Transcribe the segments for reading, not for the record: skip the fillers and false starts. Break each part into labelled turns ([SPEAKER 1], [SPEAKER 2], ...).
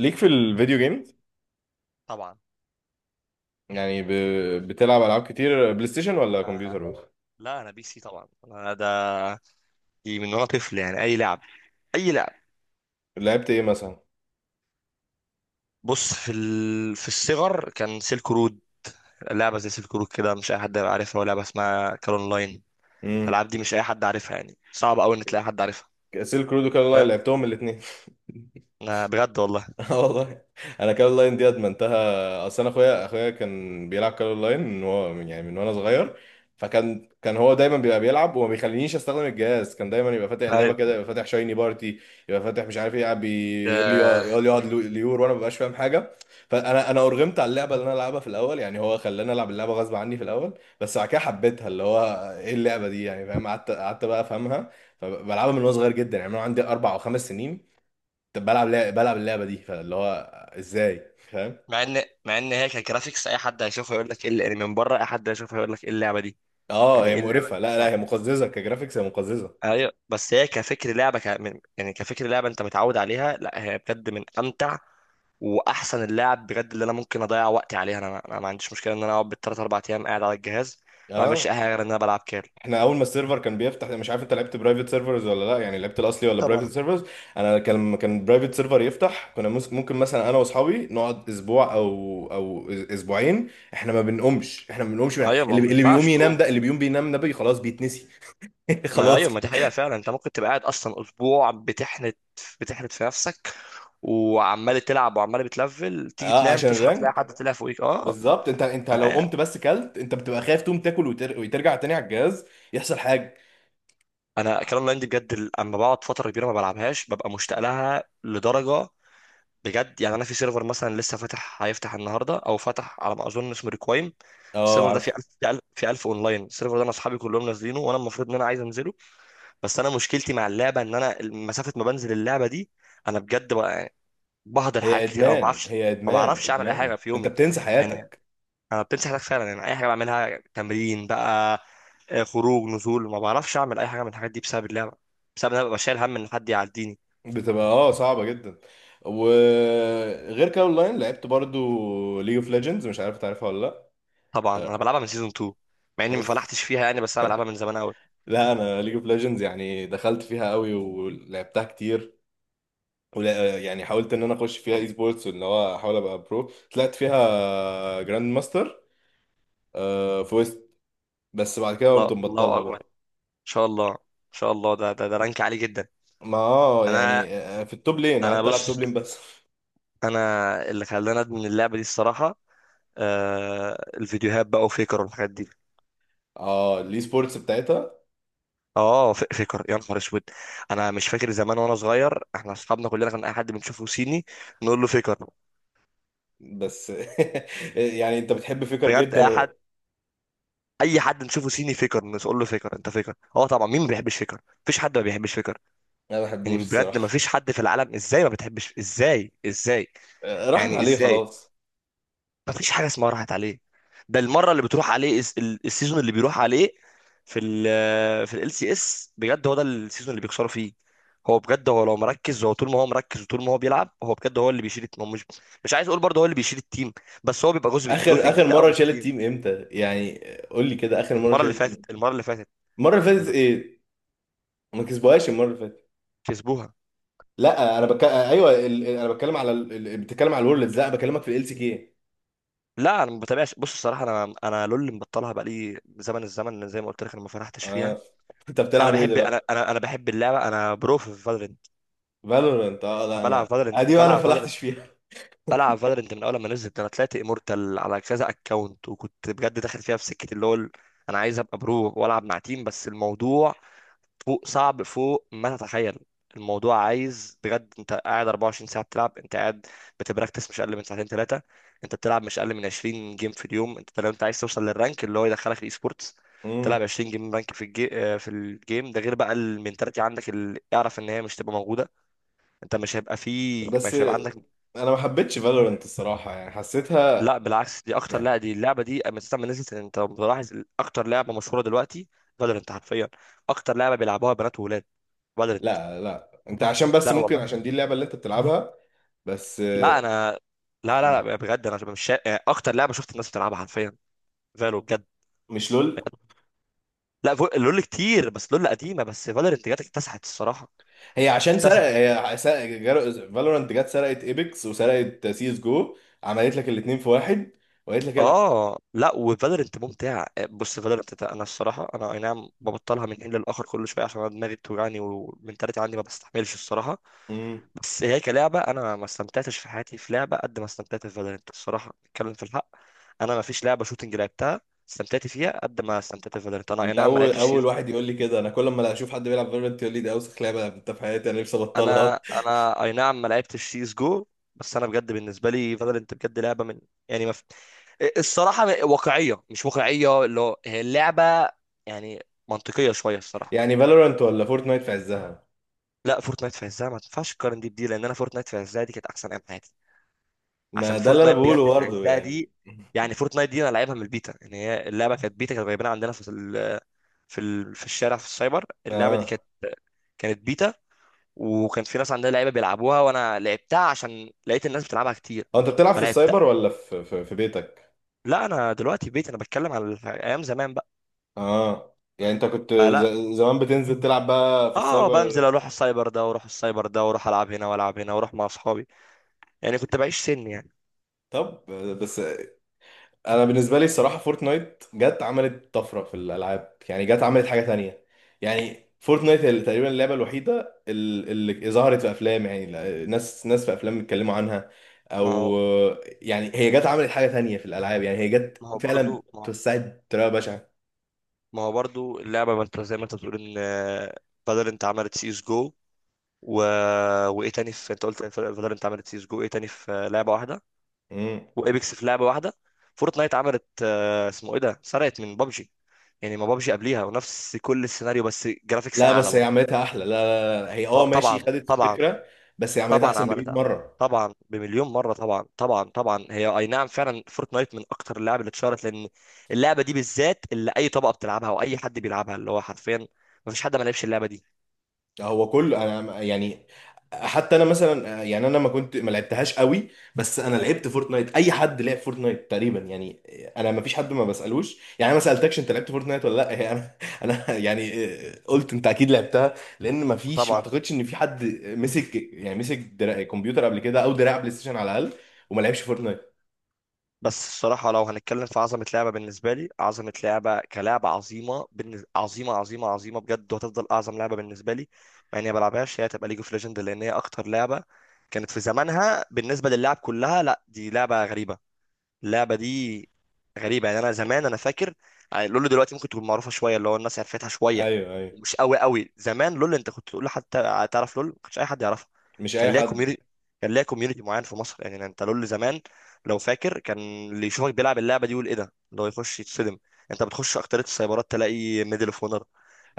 [SPEAKER 1] ليك في الفيديو جيمز
[SPEAKER 2] طبعا.
[SPEAKER 1] يعني بتلعب العاب كتير بلاي ستيشن ولا
[SPEAKER 2] انا
[SPEAKER 1] كمبيوتر بس؟
[SPEAKER 2] لا، انا بي سي طبعا. انا ده دي من وانا طفل، يعني اي لعب، اي لعب.
[SPEAKER 1] لعبت ايه مثلا؟
[SPEAKER 2] بص، في الصغر كان سيلك رود. لعبه زي سيلك رود كده مش اي حد هيبقى عارفها، ولا لعبه اسمها كال اونلاين.
[SPEAKER 1] امم
[SPEAKER 2] الالعاب دي مش اي حد عارفها، يعني صعب قوي ان تلاقي حد عارفها.
[SPEAKER 1] سيلك رود وكالا
[SPEAKER 2] فاهم،
[SPEAKER 1] لعبتهم الاثنين.
[SPEAKER 2] انا بجد والله.
[SPEAKER 1] اه والله، انا كارول لاين دي ادمنتها، اصل انا اخويا كان بيلعب كارول لاين من وانا صغير. فكان هو دايما بيبقى بيلعب وما بيخلينيش استخدم الجهاز، كان دايما يبقى فاتح اللعبه
[SPEAKER 2] أيوة.
[SPEAKER 1] كده، يبقى فاتح شايني بارتي، يبقى فاتح مش عارف ايه، قاعد بيقول لي
[SPEAKER 2] آه،
[SPEAKER 1] يقول لي اقعد ليور، وانا ما ببقاش فاهم حاجه. فانا ارغمت على اللعبه اللي انا العبها في الاول، يعني هو خلاني العب اللعبه غصب عني في الاول. بس بعد كده حبيتها، اللي هو ايه اللعبه دي يعني، فاهم؟ قعدت بقى افهمها. فبلعبها من وانا صغير جدا، يعني انا عندي اربع او خمس سنين. طب بلعب بلعب اللعبه دي، فاللي هو ازاي، فاهم؟
[SPEAKER 2] مع ان هي كجرافيكس اي حد هيشوفها يقول لك ايه اللي- يعني من بره اي حد هيشوفها يقول لك ايه اللعبه دي.
[SPEAKER 1] اه
[SPEAKER 2] يعني
[SPEAKER 1] هي
[SPEAKER 2] ايه اللعبه دي،
[SPEAKER 1] مقرفه، لا هي
[SPEAKER 2] لا.
[SPEAKER 1] مقززه كجرافيكس، هي مقززه.
[SPEAKER 2] ايوه، بس هي كفكر لعبه ك... من- يعني كفكر لعبه انت متعود عليها، لا هي بجد من امتع واحسن اللاعب بجد اللي انا ممكن اضيع وقتي عليها. انا ما عنديش مشكله ان انا اقعد بالثلاث اربع ايام قاعد على الجهاز، ما بعملش اي
[SPEAKER 1] اه
[SPEAKER 2] حاجه غير ان انا بلعب كيرل.
[SPEAKER 1] احنا اول ما السيرفر كان بيفتح، مش عارف انت لعبت برايفت سيرفرز ولا لا، يعني لعبت الاصلي ولا
[SPEAKER 2] طبعا.
[SPEAKER 1] برايفت سيرفرز؟ انا لما كان برايفت سيرفر يفتح، ممكن مثلا انا واصحابي نقعد اسبوع او اسبوعين. احنا ما بنقومش احنا ما بنقومش من...
[SPEAKER 2] ايوه، ما
[SPEAKER 1] اللي بي...
[SPEAKER 2] ما
[SPEAKER 1] اللي بيقوم
[SPEAKER 2] ينفعش
[SPEAKER 1] ينام
[SPEAKER 2] تقوم.
[SPEAKER 1] ده، اللي بيقوم بينام ده بي خلاص بيتنسي.
[SPEAKER 2] ما
[SPEAKER 1] خلاص،
[SPEAKER 2] ايوه، ما دي حقيقه فعلا. انت ممكن تبقى قاعد اصلا اسبوع بتحنت، بتحنت في نفسك، وعمال تلعب وعمال بتلفل، تيجي
[SPEAKER 1] اه
[SPEAKER 2] تنام
[SPEAKER 1] عشان
[SPEAKER 2] تصحى تلاقي
[SPEAKER 1] الرانك.
[SPEAKER 2] حد طلع فوقيك. اه.
[SPEAKER 1] بالظبط، انت
[SPEAKER 2] ما
[SPEAKER 1] لو
[SPEAKER 2] هي-
[SPEAKER 1] قمت بس كلت، انت بتبقى خايف تقوم تاكل وترجع تاني على الجهاز يحصل حاجه.
[SPEAKER 2] انا كلام لاين دي بجد، اما بقعد فتره كبيره ما بلعبهاش ببقى مشتاق لها لدرجه، بجد. يعني انا في سيرفر مثلا لسه فاتح هيفتح النهارده او فتح على ما اظن اسمه ريكوايم.
[SPEAKER 1] اه
[SPEAKER 2] السيرفر ده فيه
[SPEAKER 1] عارف.
[SPEAKER 2] 1000 في 1000 في 1000 اونلاين. السيرفر ده انا اصحابي كلهم نازلينه وانا المفروض ان انا عايز انزله، بس انا مشكلتي مع اللعبه ان انا مسافه ما بنزل اللعبه دي. انا بجد بقى، يعني بهدر حاجات
[SPEAKER 1] هي
[SPEAKER 2] كتير او ما
[SPEAKER 1] ادمان
[SPEAKER 2] بعرفش.
[SPEAKER 1] هي
[SPEAKER 2] ما
[SPEAKER 1] ادمان
[SPEAKER 2] بعرفش اعمل اي
[SPEAKER 1] ادمان،
[SPEAKER 2] حاجه في
[SPEAKER 1] انت
[SPEAKER 2] يومي،
[SPEAKER 1] بتنسى
[SPEAKER 2] يعني
[SPEAKER 1] حياتك.
[SPEAKER 2] انا بتمسح حياتك فعلا. يعني اي حاجه بعملها، تمرين بقى، آه، خروج، نزول، ما بعرفش اعمل اي حاجه من الحاجات دي بسبب اللعبه، بسبب ان انا ببقى شايل هم ان حد يعديني.
[SPEAKER 1] بتبقى اه صعبه جدا. وغير كده اونلاين، لعبت برضو ليج اوف ليجندز؟ مش عارف تعرفها ولا لا.
[SPEAKER 2] طبعا انا
[SPEAKER 1] آه،
[SPEAKER 2] بلعبها من سيزون 2. مع اني ما
[SPEAKER 1] اوف،
[SPEAKER 2] فلحتش فيها، يعني بس انا بلعبها من زمان قوي.
[SPEAKER 1] لا انا ليج اوف ليجندز يعني دخلت فيها قوي ولعبتها كتير، ولا يعني حاولت ان انا اخش فيها اي سبورتس، وان هو احاول ابقى برو. طلعت فيها جراند ماستر آه، في بس بعد كده
[SPEAKER 2] الله،
[SPEAKER 1] قمت
[SPEAKER 2] الله
[SPEAKER 1] مبطلها
[SPEAKER 2] اكبر. ان
[SPEAKER 1] بقى.
[SPEAKER 2] شاء الله، ان شاء الله. ده رانك عالي جدا.
[SPEAKER 1] ما اه يعني
[SPEAKER 2] انا
[SPEAKER 1] في التوب لين،
[SPEAKER 2] انا
[SPEAKER 1] قعدت العب توب
[SPEAKER 2] بص،
[SPEAKER 1] لين بس.
[SPEAKER 2] انا اللي خلاني ادمن اللعبه دي الصراحه، آه، الفيديوهات بقى وفيكر والحاجات دي.
[SPEAKER 1] اه الاي سبورتس بتاعتها.
[SPEAKER 2] اه، فيكر يا نهار اسود. انا مش فاكر زمان وانا صغير احنا اصحابنا كلنا كان اي حد بنشوفه صيني نقول له فيكر.
[SPEAKER 1] بس يعني انت بتحب فكر
[SPEAKER 2] بجد
[SPEAKER 1] جدا
[SPEAKER 2] اي حد، اي حد نشوفه صيني فيكر، نقول له فيكر انت فيكر. اه طبعا، مين ما بيحبش فيكر؟ مفيش حد ما بيحبش فيكر.
[SPEAKER 1] انا ما بحبوش
[SPEAKER 2] يعني بجد ما
[SPEAKER 1] الصراحه.
[SPEAKER 2] فيش حد في العالم، ازاي ما بتحبش؟ ازاي؟ ازاي؟
[SPEAKER 1] راحت
[SPEAKER 2] يعني
[SPEAKER 1] عليه
[SPEAKER 2] ازاي؟
[SPEAKER 1] خلاص.
[SPEAKER 2] ما فيش حاجه اسمها راحت عليه. ده المره اللي بتروح عليه، السيزون اللي بيروح عليه في ال آه، في ال سي اس، بجد هو ده السيزون اللي بيكسروا فيه. هو بجد، هو لو مركز، هو طول ما هو مركز وطول ما هو بيلعب، هو بجد هو اللي بيشيل الت- هو مش مش عايز اقول برضه هو اللي بيشيل التيم، بس هو بيبقى
[SPEAKER 1] اخر
[SPEAKER 2] جزء
[SPEAKER 1] اخر
[SPEAKER 2] كبير قوي من
[SPEAKER 1] مره شالت
[SPEAKER 2] التيم.
[SPEAKER 1] تيم امتى يعني؟ قول لي كده، اخر مره
[SPEAKER 2] المره اللي
[SPEAKER 1] شالت تيم
[SPEAKER 2] فاتت، المره اللي فاتت
[SPEAKER 1] المره اللي فاتت
[SPEAKER 2] اللي
[SPEAKER 1] ايه؟ ما كسبوهاش المره اللي فاتت.
[SPEAKER 2] كسبوها.
[SPEAKER 1] لا انا بك... آه، ايوه، انا بتكلم على بتتكلم على الورلدز، لا بكلمك في ال سي كي.
[SPEAKER 2] لا انا ما بتابعش، بص الصراحه، انا لول مبطلها بقالي زمن الزمن زي ما قلت لك، انا ما فرحتش فيها.
[SPEAKER 1] اه انت بتلعب ايه
[SPEAKER 2] بحب،
[SPEAKER 1] دلوقتي؟
[SPEAKER 2] انا بحب اللعبه. انا برو في فالورنت.
[SPEAKER 1] فالورنت؟ اه لا
[SPEAKER 2] انا بلعب
[SPEAKER 1] انا
[SPEAKER 2] فالورنت،
[SPEAKER 1] ادي انا
[SPEAKER 2] بلعب فالورنت،
[SPEAKER 1] فلحتش فيها.
[SPEAKER 2] بلعب فالورنت من اول ما نزلت. انا طلعت امورتال على كذا اكونت، وكنت بجد داخل فيها في سكه اللي هو انا عايز ابقى برو والعب مع تيم، بس الموضوع فوق صعب، فوق ما تتخيل. الموضوع عايز بجد انت قاعد 24 ساعة بتلعب، انت قاعد بتبراكتس مش اقل من ساعتين 3. انت بتلعب مش اقل من 20 جيم في اليوم، انت لو انت عايز توصل للرانك اللي هو يدخلك الاي سبورتس،
[SPEAKER 1] مم.
[SPEAKER 2] تلعب 20 جيم رانك في الجيم ده، غير بقى المنتاليتي عندك اللي اعرف ان هي مش تبقى موجودة. انت مش هيبقى فيه،
[SPEAKER 1] بس
[SPEAKER 2] مش هيبقى عندك.
[SPEAKER 1] انا ما حبيتش فالورنت الصراحه، يعني حسيتها
[SPEAKER 2] لا بالعكس، دي اكتر،
[SPEAKER 1] يعني
[SPEAKER 2] لا دي اللعبة دي اما تسمى نزلت، انت ملاحظ؟ اكتر لعبة مشهورة دلوقتي فالورنت حرفيا. اكتر لعبة بيلعبوها بنات وولاد فالورنت.
[SPEAKER 1] لا، انت عشان بس
[SPEAKER 2] لا
[SPEAKER 1] ممكن عشان دي اللعبه اللي انت بتلعبها بس
[SPEAKER 2] لا انا لا لا
[SPEAKER 1] يعني.
[SPEAKER 2] لا بجد، انا مش شا... يعني اكتر لعبه شفت الناس بتلعبها حرفيا فالو بجد.
[SPEAKER 1] مش لول؟
[SPEAKER 2] لا لول كتير، بس لول قديمه. بس فالورنت جت اكتسحت الصراحه،
[SPEAKER 1] هي عشان سرق
[SPEAKER 2] اكتسحت.
[SPEAKER 1] هي، فالورنت جت سرقت ايبكس وسرقت سي اس جو، عملت لك الاثنين في واحد وقالت لك العب.
[SPEAKER 2] اه لا، وفالورنت ممتع. بص فالورنت ده، انا الصراحه انا اي نعم ببطلها من حين للاخر كل شويه عشان انا دماغي بتوجعني ومنتاليتي عندي ما بستحملش الصراحه.
[SPEAKER 1] امم،
[SPEAKER 2] بس هي كلعبه، انا ما استمتعتش في حياتي في لعبه قد ما استمتعت في فالورنت الصراحه. نتكلم في الحق، انا ما فيش لعبه شوتنج لعبتها استمتعت فيها قد ما استمتعت في فالورنت. انا اي
[SPEAKER 1] انت
[SPEAKER 2] نعم ما
[SPEAKER 1] اول
[SPEAKER 2] لعبتش،
[SPEAKER 1] اول واحد يقول لي كده. انا كل ما اشوف حد بيلعب فالورنت يقول لي دي اوسخ لعبه لعبتها في حياتي، انا نفسي ابطلها.
[SPEAKER 2] انا اي نعم ما لعبتش سي اس جو، بس انا بجد بالنسبه لي فالورنت بجد لعبه من، يعني ما في... الصراحه واقعيه مش واقعيه اللي هو هي اللعبه، يعني منطقيه شويه الصراحه.
[SPEAKER 1] يعني فالورنت ولا فورتنايت في عزها؟
[SPEAKER 2] لا فورتنايت في عزها ما تنفعش تقارن دي بدي، لان انا فورتنايت في عزها دي كانت احسن ايام حياتي. عشان
[SPEAKER 1] ما ده اللي انا
[SPEAKER 2] فورتنايت بجد
[SPEAKER 1] بقوله
[SPEAKER 2] في
[SPEAKER 1] برضه
[SPEAKER 2] عزها
[SPEAKER 1] يعني.
[SPEAKER 2] دي، يعني فورتنايت دي انا لعبها من البيتا. يعني هي اللعبه كانت بيتا، كانت جايبينها عندنا في الشارع في السايبر. اللعبه دي
[SPEAKER 1] اه
[SPEAKER 2] كانت، كانت بيتا. وكان في ناس عندها لعيبه بيلعبوها وانا لعبتها عشان لقيت الناس بتلعبها كتير
[SPEAKER 1] اه، انت بتلعب في
[SPEAKER 2] فلعبتها.
[SPEAKER 1] السايبر ولا في بيتك؟
[SPEAKER 2] لا انا دلوقتي بيت، انا بتكلم عن ايام زمان بقى.
[SPEAKER 1] اه يعني انت كنت
[SPEAKER 2] فلا،
[SPEAKER 1] زمان بتنزل تلعب بقى في
[SPEAKER 2] اه بنزل
[SPEAKER 1] السايبر.
[SPEAKER 2] اروح السايبر ده واروح السايبر ده واروح العب هنا والعب هنا واروح مع اصحابي، يعني كنت بعيش سن يعني.
[SPEAKER 1] طب بس انا بالنسبه لي الصراحه فورتنايت جت عملت طفره في الالعاب، يعني جت عملت حاجه تانية. يعني فورتنايت هي تقريبا اللعبه الوحيده اللي ظهرت في افلام، يعني ناس في افلام بيتكلموا عنها
[SPEAKER 2] ما
[SPEAKER 1] او
[SPEAKER 2] هو
[SPEAKER 1] يعني هي جت عملت حاجه تانية في الالعاب، يعني هي جت
[SPEAKER 2] ما هو برضو
[SPEAKER 1] فعلا
[SPEAKER 2] ما هو
[SPEAKER 1] توسعت بطريقه بشعه.
[SPEAKER 2] ما هو برضو اللعبه، ما انت زي ما انت بتقول ان آه، بدل انت عملت سي اس جو و، وايه تاني في، انت قلت بدل انت عملت سي اس جو ايه تاني في آه، لعبه واحده، وابيكس في لعبه واحده. فورتنايت عملت آه، اسمه ايه ده، سرقت من بابجي. يعني ما بابجي قبليها ونفس كل السيناريو، بس جرافيكس
[SPEAKER 1] لا
[SPEAKER 2] اعلى
[SPEAKER 1] بس هي
[SPEAKER 2] برضه.
[SPEAKER 1] عملتها احلى، لا هي اه
[SPEAKER 2] اه
[SPEAKER 1] ماشي،
[SPEAKER 2] طبعا
[SPEAKER 1] خدت
[SPEAKER 2] طبعا.
[SPEAKER 1] الفكره. بس هي عملتها
[SPEAKER 2] طبعا
[SPEAKER 1] احسن ب 100
[SPEAKER 2] عملتها،
[SPEAKER 1] مره.
[SPEAKER 2] طبعا بمليون مره، طبعا طبعا طبعا. هي اي نعم فعلا فورتنايت من اكتر اللعب اللي اتشهرت، لان اللعبه دي بالذات اللي اي طبقه بتلعبها واي حد بيلعبها، اللي هو حرفيا ما فيش حد ما لعبش اللعبه دي.
[SPEAKER 1] هو كل انا يعني حتى انا مثلا يعني انا ما كنت ما لعبتهاش قوي، بس انا لعبت فورتنايت. اي حد لعب فورتنايت تقريبا يعني. انا ما فيش حد ما بسالوش يعني، انا ما سالتكش انت لعبت فورتنايت ولا لا، هي انا انا يعني قلت انت اكيد لعبتها، لان ما فيش ما
[SPEAKER 2] طبعا.
[SPEAKER 1] اعتقدش ان في حد مسك يعني مسك كمبيوتر قبل كده او دراع بلاي ستيشن على الاقل وما لعبش فورتنايت.
[SPEAKER 2] بس الصراحة لو هنتكلم في عظمة لعبة بالنسبة لي، عظمة لعبة كلعبة عظيمة عظيمة عظيمة عظيمة بجد وهتفضل أعظم لعبة بالنسبة لي، مع إني ما بلعبهاش، هي هتبقى ليج اوف ليجند. لأن هي أكتر لعبة كانت في زمانها بالنسبة للعب كلها. لا دي لعبة غريبة، اللعبه دي غريبه. يعني انا زمان انا فاكر، يعني لول دلوقتي ممكن تكون معروفه شويه اللي هو الناس عرفتها شويه.
[SPEAKER 1] ايوه،
[SPEAKER 2] مش قوي قوي زمان، لول انت كنت تقول لحد تعرف لول، ما كانش اي حد يعرفها.
[SPEAKER 1] مش
[SPEAKER 2] كان
[SPEAKER 1] اي
[SPEAKER 2] ليها
[SPEAKER 1] حد.
[SPEAKER 2] كوميونتي، كان ليها كوميونتي معين في مصر. يعني انت لول زمان لو فاكر، كان اللي يشوفك بيلعب اللعبه دي يقول ايه ده، اللي هو يخش يتصدم. انت بتخش اكتريه السايبرات تلاقي ميدل اوف اونر،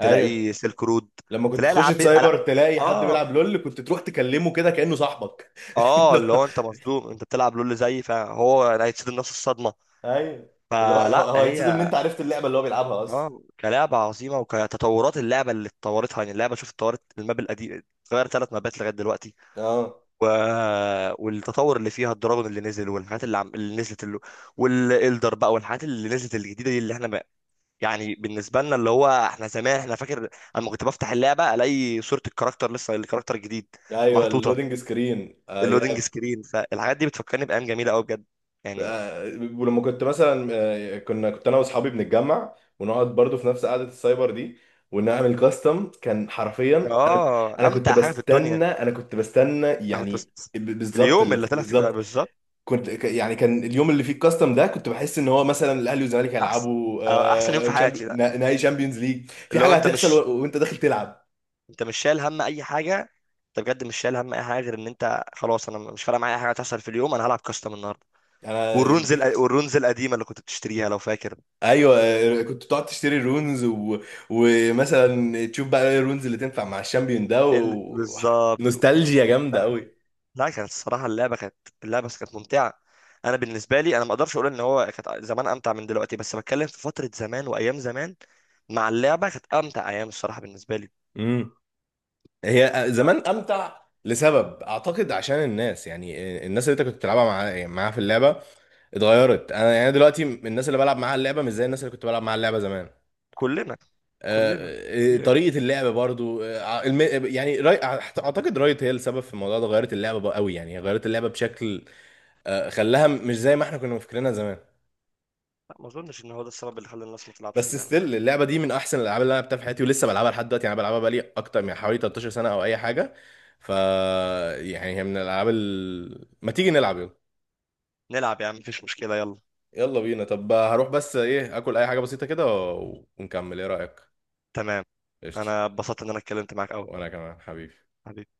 [SPEAKER 1] ايوه،
[SPEAKER 2] سيلك رود،
[SPEAKER 1] لما كنت
[SPEAKER 2] تلاقي
[SPEAKER 1] تخش
[SPEAKER 2] العاب
[SPEAKER 1] سايبر
[SPEAKER 2] لا.
[SPEAKER 1] تلاقي حد
[SPEAKER 2] اه،
[SPEAKER 1] بيلعب لول كنت تروح تكلمه كده كأنه صاحبك.
[SPEAKER 2] اه
[SPEAKER 1] اللي
[SPEAKER 2] اللي
[SPEAKER 1] هو
[SPEAKER 2] هو انت مصدوم انت بتلعب لول زي، فهو هيتصدم نفس الصدمه.
[SPEAKER 1] ايوه، اللي هو
[SPEAKER 2] فلا
[SPEAKER 1] هو هيتصدم ان
[SPEAKER 2] هي،
[SPEAKER 1] انت عرفت اللعبه اللي هو بيلعبها اصلا.
[SPEAKER 2] اه كلعبة عظيمة وكتطورات اللعبة اللي اتطورتها. يعني اللعبة شوف اتطورت، الماب القديم اتغير 3 مابات لغاية دلوقتي،
[SPEAKER 1] اه
[SPEAKER 2] و... والتطور اللي فيها الدراجون اللي نزل والحاجات اللي نزلت اللي، والإلدر بقى والحاجات اللي نزلت الجديدة دي اللي احنا ما... يعني بالنسبة لنا اللي هو احنا زمان احنا فاكر اما كنت بفتح اللعبة الاقي صورة الكاركتر لسه الكاركتر الجديد
[SPEAKER 1] ايوه
[SPEAKER 2] محطوطة،
[SPEAKER 1] اللودنج سكرين ايام.
[SPEAKER 2] اللودنج سكرين. فالحاجات دي بتفكرني بأيام جميلة قوي بجد، يعني.
[SPEAKER 1] آه، ولما كنت مثلا كنا كنت انا واصحابي بنتجمع ونقعد برضو في نفس قعده السايبر دي، ونعمل كاستم. كان حرفيا انا
[SPEAKER 2] اه
[SPEAKER 1] انا كنت
[SPEAKER 2] امتع حاجة في الدنيا،
[SPEAKER 1] بستنى انا كنت بستنى
[SPEAKER 2] انا كنت بس،
[SPEAKER 1] يعني بالظبط
[SPEAKER 2] اليوم اللي طلع في
[SPEAKER 1] بالظبط
[SPEAKER 2] بالظبط.
[SPEAKER 1] كنت يعني كان اليوم اللي فيه الكاستم ده كنت بحس ان هو مثلا الاهلي والزمالك
[SPEAKER 2] احسن
[SPEAKER 1] هيلعبوا
[SPEAKER 2] آه، احسن يوم في حياتي ده.
[SPEAKER 1] نهائي شامبيونز ليج، في
[SPEAKER 2] اللي هو
[SPEAKER 1] حاجه
[SPEAKER 2] انت
[SPEAKER 1] هتحصل
[SPEAKER 2] مش،
[SPEAKER 1] وانت داخل تلعب.
[SPEAKER 2] انت مش شايل هم اي حاجه. انت بجد مش شايل هم اي حاجه غير ان انت خلاص، انا مش فارق معايا اي حاجه هتحصل في اليوم، انا هلعب كاستم النهارده.
[SPEAKER 1] انا
[SPEAKER 2] والرونز والرونز القديمه اللي كنت بتشتريها لو فاكر.
[SPEAKER 1] ايوه كنت تقعد تشتري الرونز ومثلا تشوف بقى ايه الرونز اللي تنفع مع الشامبيون ده
[SPEAKER 2] بالظبط.
[SPEAKER 1] نوستالجيا جامده قوي.
[SPEAKER 2] لا لا كانت الصراحه اللعبه كانت، اللعبه كانت ممتعه. انا بالنسبه لي انا ما اقدرش اقول ان هو كانت زمان امتع من دلوقتي، بس بتكلم في فتره زمان وايام زمان مع اللعبه، كانت امتع ايام الصراحه بالنسبه لي.
[SPEAKER 1] امم، هي زمان امتع لسبب، اعتقد عشان الناس يعني الناس اللي انت كنت بتلعبها مع معاها في اللعبه اتغيرت. انا يعني دلوقتي الناس اللي بلعب معاها اللعبه مش زي الناس اللي كنت بلعب معاها اللعبه زمان.
[SPEAKER 2] كلنا، كلنا طبيعي.
[SPEAKER 1] طريقة اللعب برضو يعني اعتقد رايت هي السبب في الموضوع ده، غيرت اللعبة بقى قوي، يعني هي غيرت اللعبة بشكل خلاها مش زي ما احنا كنا فاكرينها زمان.
[SPEAKER 2] لا ما اظنش ان هو ده السبب اللي خلى الناس ما تلعبش
[SPEAKER 1] بس
[SPEAKER 2] اللعبه.
[SPEAKER 1] ستيل اللعبة دي من احسن الالعاب اللي انا لعبتها في حياتي، ولسه بلعبها لحد دلوقتي، يعني أنا بلعبها بقالي اكتر من حوالي 13 سنة او اي حاجة. ف يعني هي من الالعاب. ما تيجي نلعب، يلا.
[SPEAKER 2] نلعب يا عم، مفيش مشكلة يلا.
[SPEAKER 1] يلا بينا، طب هروح بس ايه اكل اي حاجة بسيطة كده ونكمل، ايه رأيك؟
[SPEAKER 2] تمام.
[SPEAKER 1] قشطة.
[SPEAKER 2] أنا اتبسطت إن أنا اتكلمت معاك أوي.
[SPEAKER 1] وانا كمان حبيبي.
[SPEAKER 2] حبيبي.